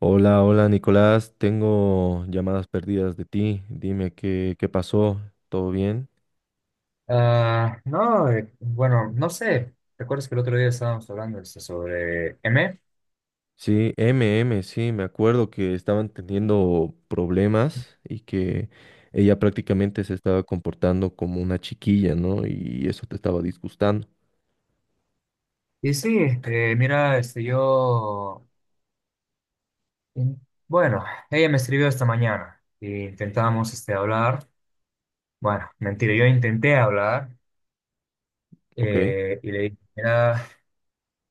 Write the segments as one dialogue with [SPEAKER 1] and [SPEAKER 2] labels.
[SPEAKER 1] Hola, hola Nicolás, tengo llamadas perdidas de ti. Dime qué pasó, ¿todo bien?
[SPEAKER 2] No, bueno, no sé. ¿Recuerdas que el otro día estábamos hablando sobre M?
[SPEAKER 1] Sí, MM, sí, me acuerdo que estaban teniendo problemas y que ella prácticamente se estaba comportando como una chiquilla, ¿no? Y eso te estaba disgustando,
[SPEAKER 2] Y sí, mira, in- bueno, ella me escribió esta mañana y intentábamos hablar. Bueno, mentira, yo intenté hablar
[SPEAKER 1] ¿ok?
[SPEAKER 2] y le dije, mira,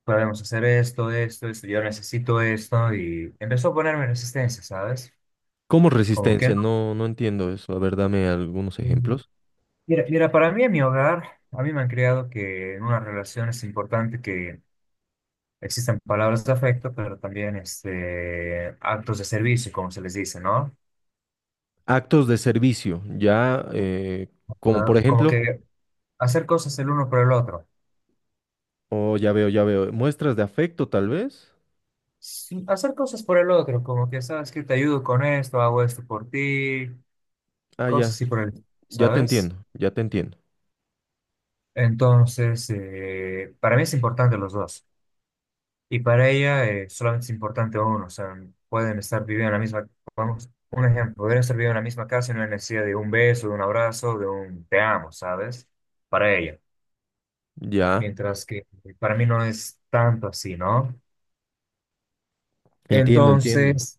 [SPEAKER 2] podemos hacer esto, esto, esto, yo necesito esto y empezó a ponerme resistencia, ¿sabes?
[SPEAKER 1] ¿Cómo
[SPEAKER 2] Como que
[SPEAKER 1] resistencia? No, no entiendo eso. A ver, dame algunos
[SPEAKER 2] no.
[SPEAKER 1] ejemplos.
[SPEAKER 2] Mira, mira, para mí en mi hogar, a mí me han creado que en una relación es importante que existen palabras de afecto, pero también actos de servicio, como se les dice, ¿no?
[SPEAKER 1] Actos de servicio, ya, como
[SPEAKER 2] Ah,
[SPEAKER 1] por
[SPEAKER 2] como
[SPEAKER 1] ejemplo,
[SPEAKER 2] que hacer cosas el uno por el otro.
[SPEAKER 1] oh, ya veo, muestras de afecto tal vez.
[SPEAKER 2] Sí, hacer cosas por el otro, como que, ¿sabes que te ayudo con esto, hago esto por ti,
[SPEAKER 1] Ah,
[SPEAKER 2] cosas
[SPEAKER 1] ya.
[SPEAKER 2] así por el,
[SPEAKER 1] Ya te
[SPEAKER 2] ¿sabes?
[SPEAKER 1] entiendo, ya te entiendo.
[SPEAKER 2] Entonces, para mí es importante los dos. Y para ella solamente es importante uno. O sea, pueden estar viviendo en la misma, vamos, un ejemplo, podrían estar viviendo en la misma casa y no hay necesidad de un beso, de un abrazo, de un te amo, ¿sabes? Para ella.
[SPEAKER 1] Ya,
[SPEAKER 2] Mientras que para mí no es tanto así, ¿no?
[SPEAKER 1] entiendo, entiendo.
[SPEAKER 2] Entonces,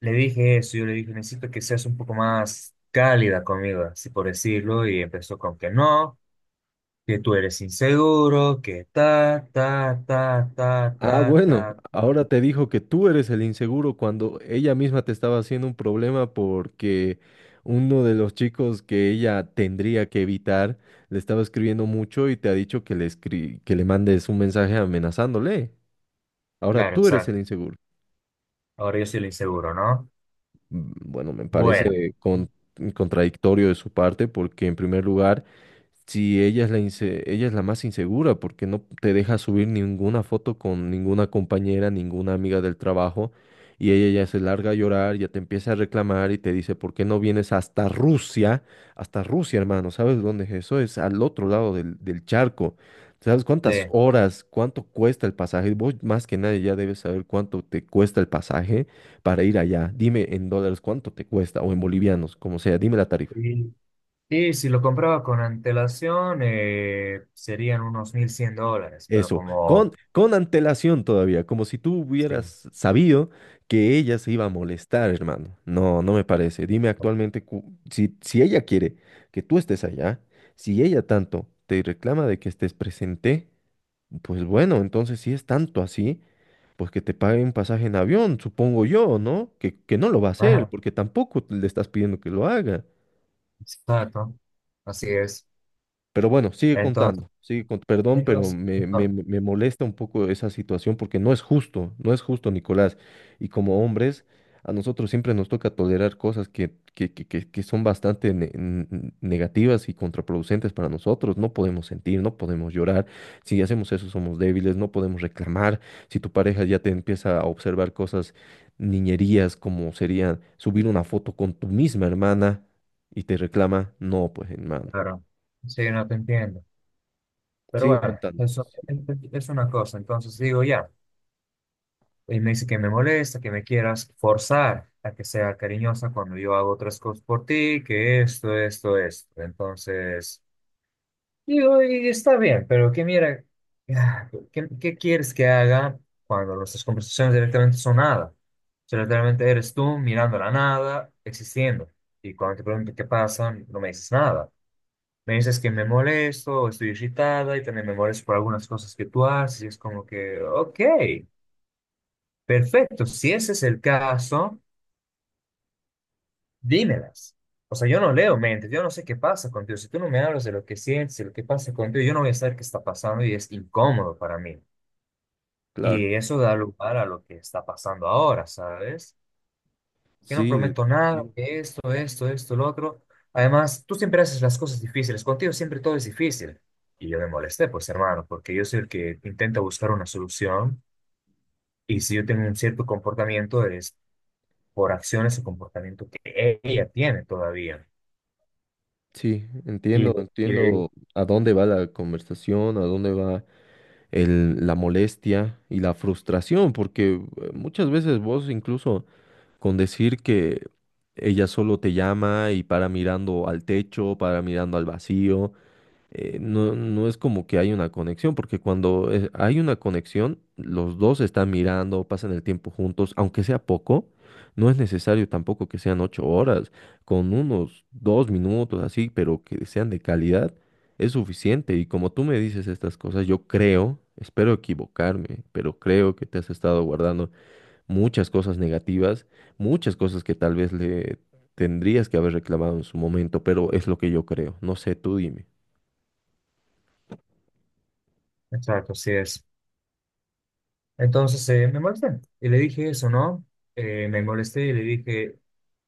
[SPEAKER 2] le dije eso, yo le dije, necesito que seas un poco más cálida conmigo, así por decirlo, y empezó con que no, que tú eres inseguro, que ta, ta, ta, ta,
[SPEAKER 1] Ah,
[SPEAKER 2] ta,
[SPEAKER 1] bueno,
[SPEAKER 2] ta.
[SPEAKER 1] ahora te dijo que tú eres el inseguro cuando ella misma te estaba haciendo un problema porque uno de los chicos que ella tendría que evitar le estaba escribiendo mucho y te ha dicho que le mandes un mensaje amenazándole. Ahora
[SPEAKER 2] Claro,
[SPEAKER 1] tú eres el
[SPEAKER 2] exacto.
[SPEAKER 1] inseguro.
[SPEAKER 2] Ahora yo soy el inseguro, ¿no?
[SPEAKER 1] Mm, bueno,
[SPEAKER 2] Bueno,
[SPEAKER 1] contradictorio de su parte porque, en primer lugar, si ella es ella es la más insegura porque no te deja subir ninguna foto con ninguna compañera, ninguna amiga del trabajo, y ella ya se larga a llorar, ya te empieza a reclamar y te dice, ¿por qué no vienes hasta Rusia? Hasta Rusia, hermano, ¿sabes dónde es eso? Es al otro lado del charco. ¿Sabes cuántas
[SPEAKER 2] sí.
[SPEAKER 1] horas, cuánto cuesta el pasaje? Vos más que nadie ya debes saber cuánto te cuesta el pasaje para ir allá. Dime en dólares cuánto te cuesta, o en bolivianos, como sea, dime la tarifa.
[SPEAKER 2] Y, y si lo compraba con antelación, serían unos $1100, pero
[SPEAKER 1] Eso, con,
[SPEAKER 2] como...
[SPEAKER 1] con antelación todavía, como si tú
[SPEAKER 2] Sí.
[SPEAKER 1] hubieras sabido que ella se iba a molestar, hermano. No, no me parece. Dime actualmente, si, si ella quiere que tú estés allá, si ella tanto te reclama de que estés presente, pues bueno, entonces si es tanto así, pues que te pague un pasaje en avión, supongo yo, ¿no? Que no lo va a hacer, porque tampoco le estás pidiendo que lo haga.
[SPEAKER 2] Exacto, así es.
[SPEAKER 1] Pero bueno, sigue
[SPEAKER 2] Entonces,
[SPEAKER 1] contando, perdón, pero
[SPEAKER 2] entonces,
[SPEAKER 1] me, me-
[SPEAKER 2] ah,
[SPEAKER 1] me- me molesta un poco esa situación porque no es justo, no es justo, Nicolás. Y como hombres, a nosotros siempre nos toca tolerar cosas que son bastante negativas y contraproducentes para nosotros. No podemos sentir, no podemos llorar. Si hacemos eso, somos débiles, no podemos reclamar. Si tu pareja ya te empieza a observar cosas, niñerías, como sería subir una foto con tu misma hermana y te reclama, no, pues hermano.
[SPEAKER 2] claro, sí, no te entiendo. Pero
[SPEAKER 1] Sigue
[SPEAKER 2] bueno,
[SPEAKER 1] contando.
[SPEAKER 2] eso
[SPEAKER 1] Sí,
[SPEAKER 2] es una cosa. Entonces digo ya, y me dice que me molesta, que me quieras forzar a que sea cariñosa cuando yo hago otras cosas por ti, que esto, esto, esto. Entonces. Digo, y está bien, pero que mira, ah, ¿qué, qué quieres que haga cuando nuestras conversaciones directamente son nada? O sea, literalmente eres tú mirando la nada, existiendo. Y cuando te pregunto qué pasa, no me dices nada. Me dices que me molesto, o estoy irritada y también me molesto por algunas cosas que tú haces. Y es como que, ok, perfecto, si ese es el caso. Dímelas. O sea, yo no leo mentes, yo no sé qué pasa contigo. Si tú no me hablas de lo que sientes, de lo que pasa contigo, yo no voy a saber qué está pasando y es incómodo para mí.
[SPEAKER 1] claro.
[SPEAKER 2] Y eso da lugar a lo que está pasando ahora, ¿sabes? Que no
[SPEAKER 1] Sí,
[SPEAKER 2] prometo nada,
[SPEAKER 1] entien-
[SPEAKER 2] que esto, lo otro. Además, tú siempre haces las cosas difíciles, contigo siempre todo es difícil. Y yo me molesté, pues hermano, porque yo soy el que intenta buscar una solución y si yo tengo un cierto comportamiento es por acciones o comportamiento que ella tiene todavía.
[SPEAKER 1] sí, entiendo,
[SPEAKER 2] Y le
[SPEAKER 1] entiendo a dónde va la conversación, a dónde va la molestia y la frustración, porque muchas veces vos incluso con decir que ella solo te llama y para mirando al techo, para mirando al vacío, no, no es como que hay una conexión, porque cuando hay una conexión, los dos están mirando, pasan el tiempo juntos, aunque sea poco, no es necesario tampoco que sean 8 horas, con unos 2 minutos así, pero que sean de calidad, es suficiente. Y como tú me dices estas cosas, yo creo, espero equivocarme, pero creo que te has estado guardando muchas cosas negativas, muchas cosas que tal vez le... tendrías que haber reclamado en su momento, pero es lo que yo creo. No sé, tú dime.
[SPEAKER 2] Exacto, así es. Entonces me molesté y le dije eso, ¿no? Me molesté y le dije,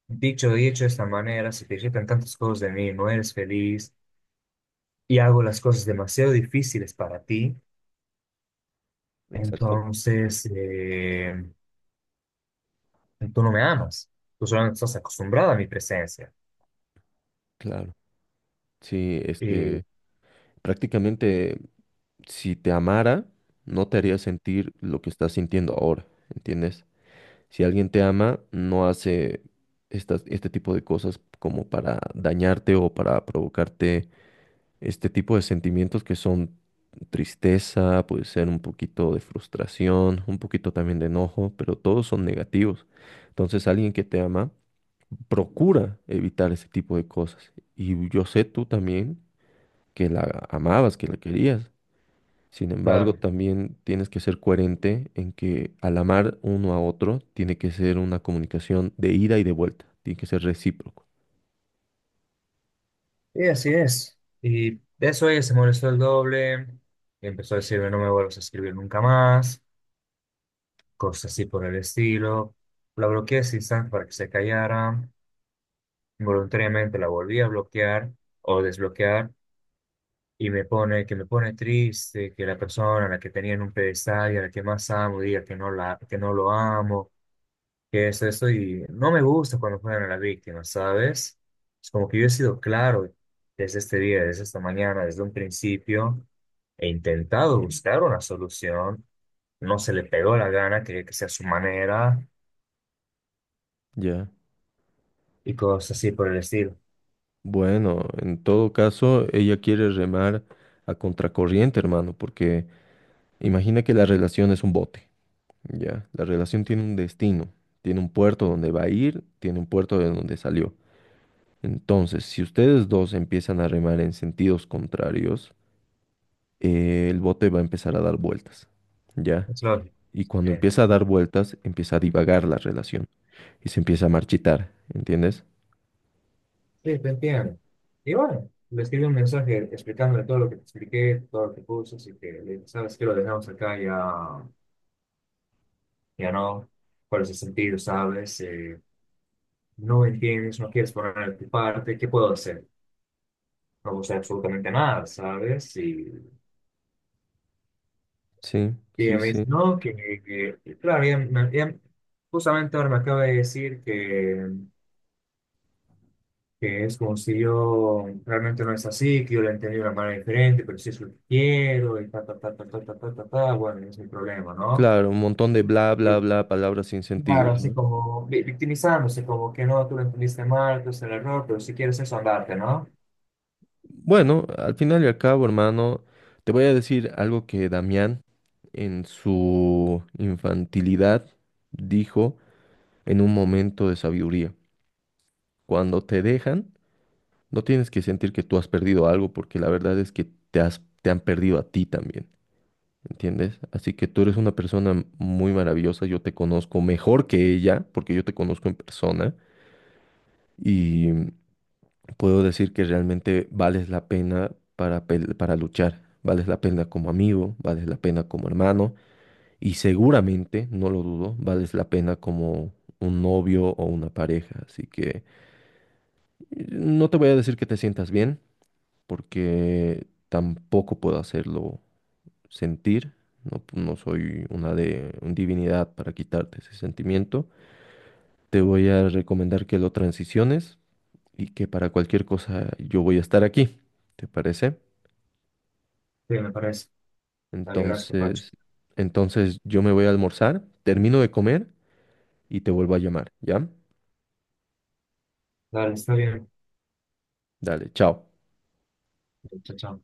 [SPEAKER 2] dicho y hecho de esta manera, se te quitan tantas cosas de mí, no eres feliz y hago las cosas demasiado difíciles para ti,
[SPEAKER 1] Exacto.
[SPEAKER 2] entonces tú no me amas, tú solamente estás acostumbrada a mi presencia.
[SPEAKER 1] Claro. Sí, es
[SPEAKER 2] Y
[SPEAKER 1] que prácticamente, si te amara, no te haría sentir lo que estás sintiendo ahora, ¿entiendes? Si alguien te ama, no hace estas, este tipo de cosas como para dañarte o para provocarte este tipo de sentimientos que son tristeza, puede ser un poquito de frustración, un poquito también de enojo, pero todos son negativos. Entonces, alguien que te ama procura evitar ese tipo de cosas. Y yo sé, tú también, que la amabas, que la querías. Sin embargo,
[SPEAKER 2] claro,
[SPEAKER 1] también tienes que ser coherente en que, al amar uno a otro, tiene que ser una comunicación de ida y de vuelta, tiene que ser recíproco.
[SPEAKER 2] y así es. Y de eso ella se molestó el doble y empezó a decirme, no me vuelvas a escribir nunca más. Cosas así por el estilo. La bloqueé sin saber para que se callara. Voluntariamente la volví a bloquear o desbloquear y me pone que me pone triste que la persona a la que tenía en un pedestal y a la que más amo diga que no la que no lo amo, que es eso y no me gusta cuando juegan a la víctima, ¿sabes? Es como que yo he sido claro desde este día, desde esta mañana, desde un principio. He intentado buscar una solución, no se le pegó la gana, quería que sea a su manera,
[SPEAKER 1] ¿Ya?
[SPEAKER 2] y cosas así por el estilo.
[SPEAKER 1] Bueno, en todo caso, ella quiere remar a contracorriente, hermano, porque imagina que la relación es un bote, ¿ya? La relación tiene un destino, tiene un puerto donde va a ir, tiene un puerto de donde salió. Entonces, si ustedes dos empiezan a remar en sentidos contrarios, el bote va a empezar a dar vueltas, ¿ya?
[SPEAKER 2] Es lógico.
[SPEAKER 1] Y
[SPEAKER 2] Sí,
[SPEAKER 1] cuando empieza a dar vueltas, empieza a divagar la relación y se empieza a marchitar, ¿entiendes?
[SPEAKER 2] sí, te entiendo. Y bueno, le escribí un mensaje explicándole todo lo que te expliqué, todo lo que puse, así que le dije, sabes que lo dejamos acá, ya, ya no, cuál es el sentido, sabes, no entiendes, no quieres poner de tu parte, ¿qué puedo hacer? No puedo hacer absolutamente nada, ¿sabes?
[SPEAKER 1] Sí,
[SPEAKER 2] Y ella
[SPEAKER 1] sí,
[SPEAKER 2] me dice,
[SPEAKER 1] sí.
[SPEAKER 2] no, que, y claro, ella justamente ahora me acaba de decir que es como si yo realmente no es así, que yo lo entendí de una manera diferente, pero sí es lo que quiero, y ta, ta, ta, ta, ta, ta, ta, ta, ta, bueno, ese es el problema, ¿no?
[SPEAKER 1] Claro, un montón de bla, bla,
[SPEAKER 2] Y
[SPEAKER 1] bla, palabras sin sentido,
[SPEAKER 2] claro, así
[SPEAKER 1] ¿no?
[SPEAKER 2] como victimizándose, como que no, tú lo entendiste mal, tú es el error, pero si quieres eso, andarte, ¿no?
[SPEAKER 1] Bueno, al final y al cabo, hermano, te voy a decir algo que Damián, en su infantilidad, dijo en un momento de sabiduría. Cuando te dejan, no tienes que sentir que tú has perdido algo, porque la verdad es que te han perdido a ti también, ¿entiendes? Así que tú eres una persona muy maravillosa, yo te conozco mejor que ella, porque yo te conozco en persona, y puedo decir que realmente vales la pena para luchar, vales la pena como amigo, vales la pena como hermano y, seguramente, no lo dudo, vales la pena como un novio o una pareja. Así que no te voy a decir que te sientas bien, porque tampoco puedo hacerlo sentir. No, no soy una de un divinidad para quitarte ese sentimiento. Te voy a recomendar que lo transiciones y que, para cualquier cosa, yo voy a estar aquí. ¿Te parece?
[SPEAKER 2] Sí, me parece. Dale, gracias, Pacho.
[SPEAKER 1] Entonces, yo me voy a almorzar, termino de comer y te vuelvo a llamar, ¿ya?
[SPEAKER 2] Dale, está bien.
[SPEAKER 1] Dale, chao.
[SPEAKER 2] Chao, chao.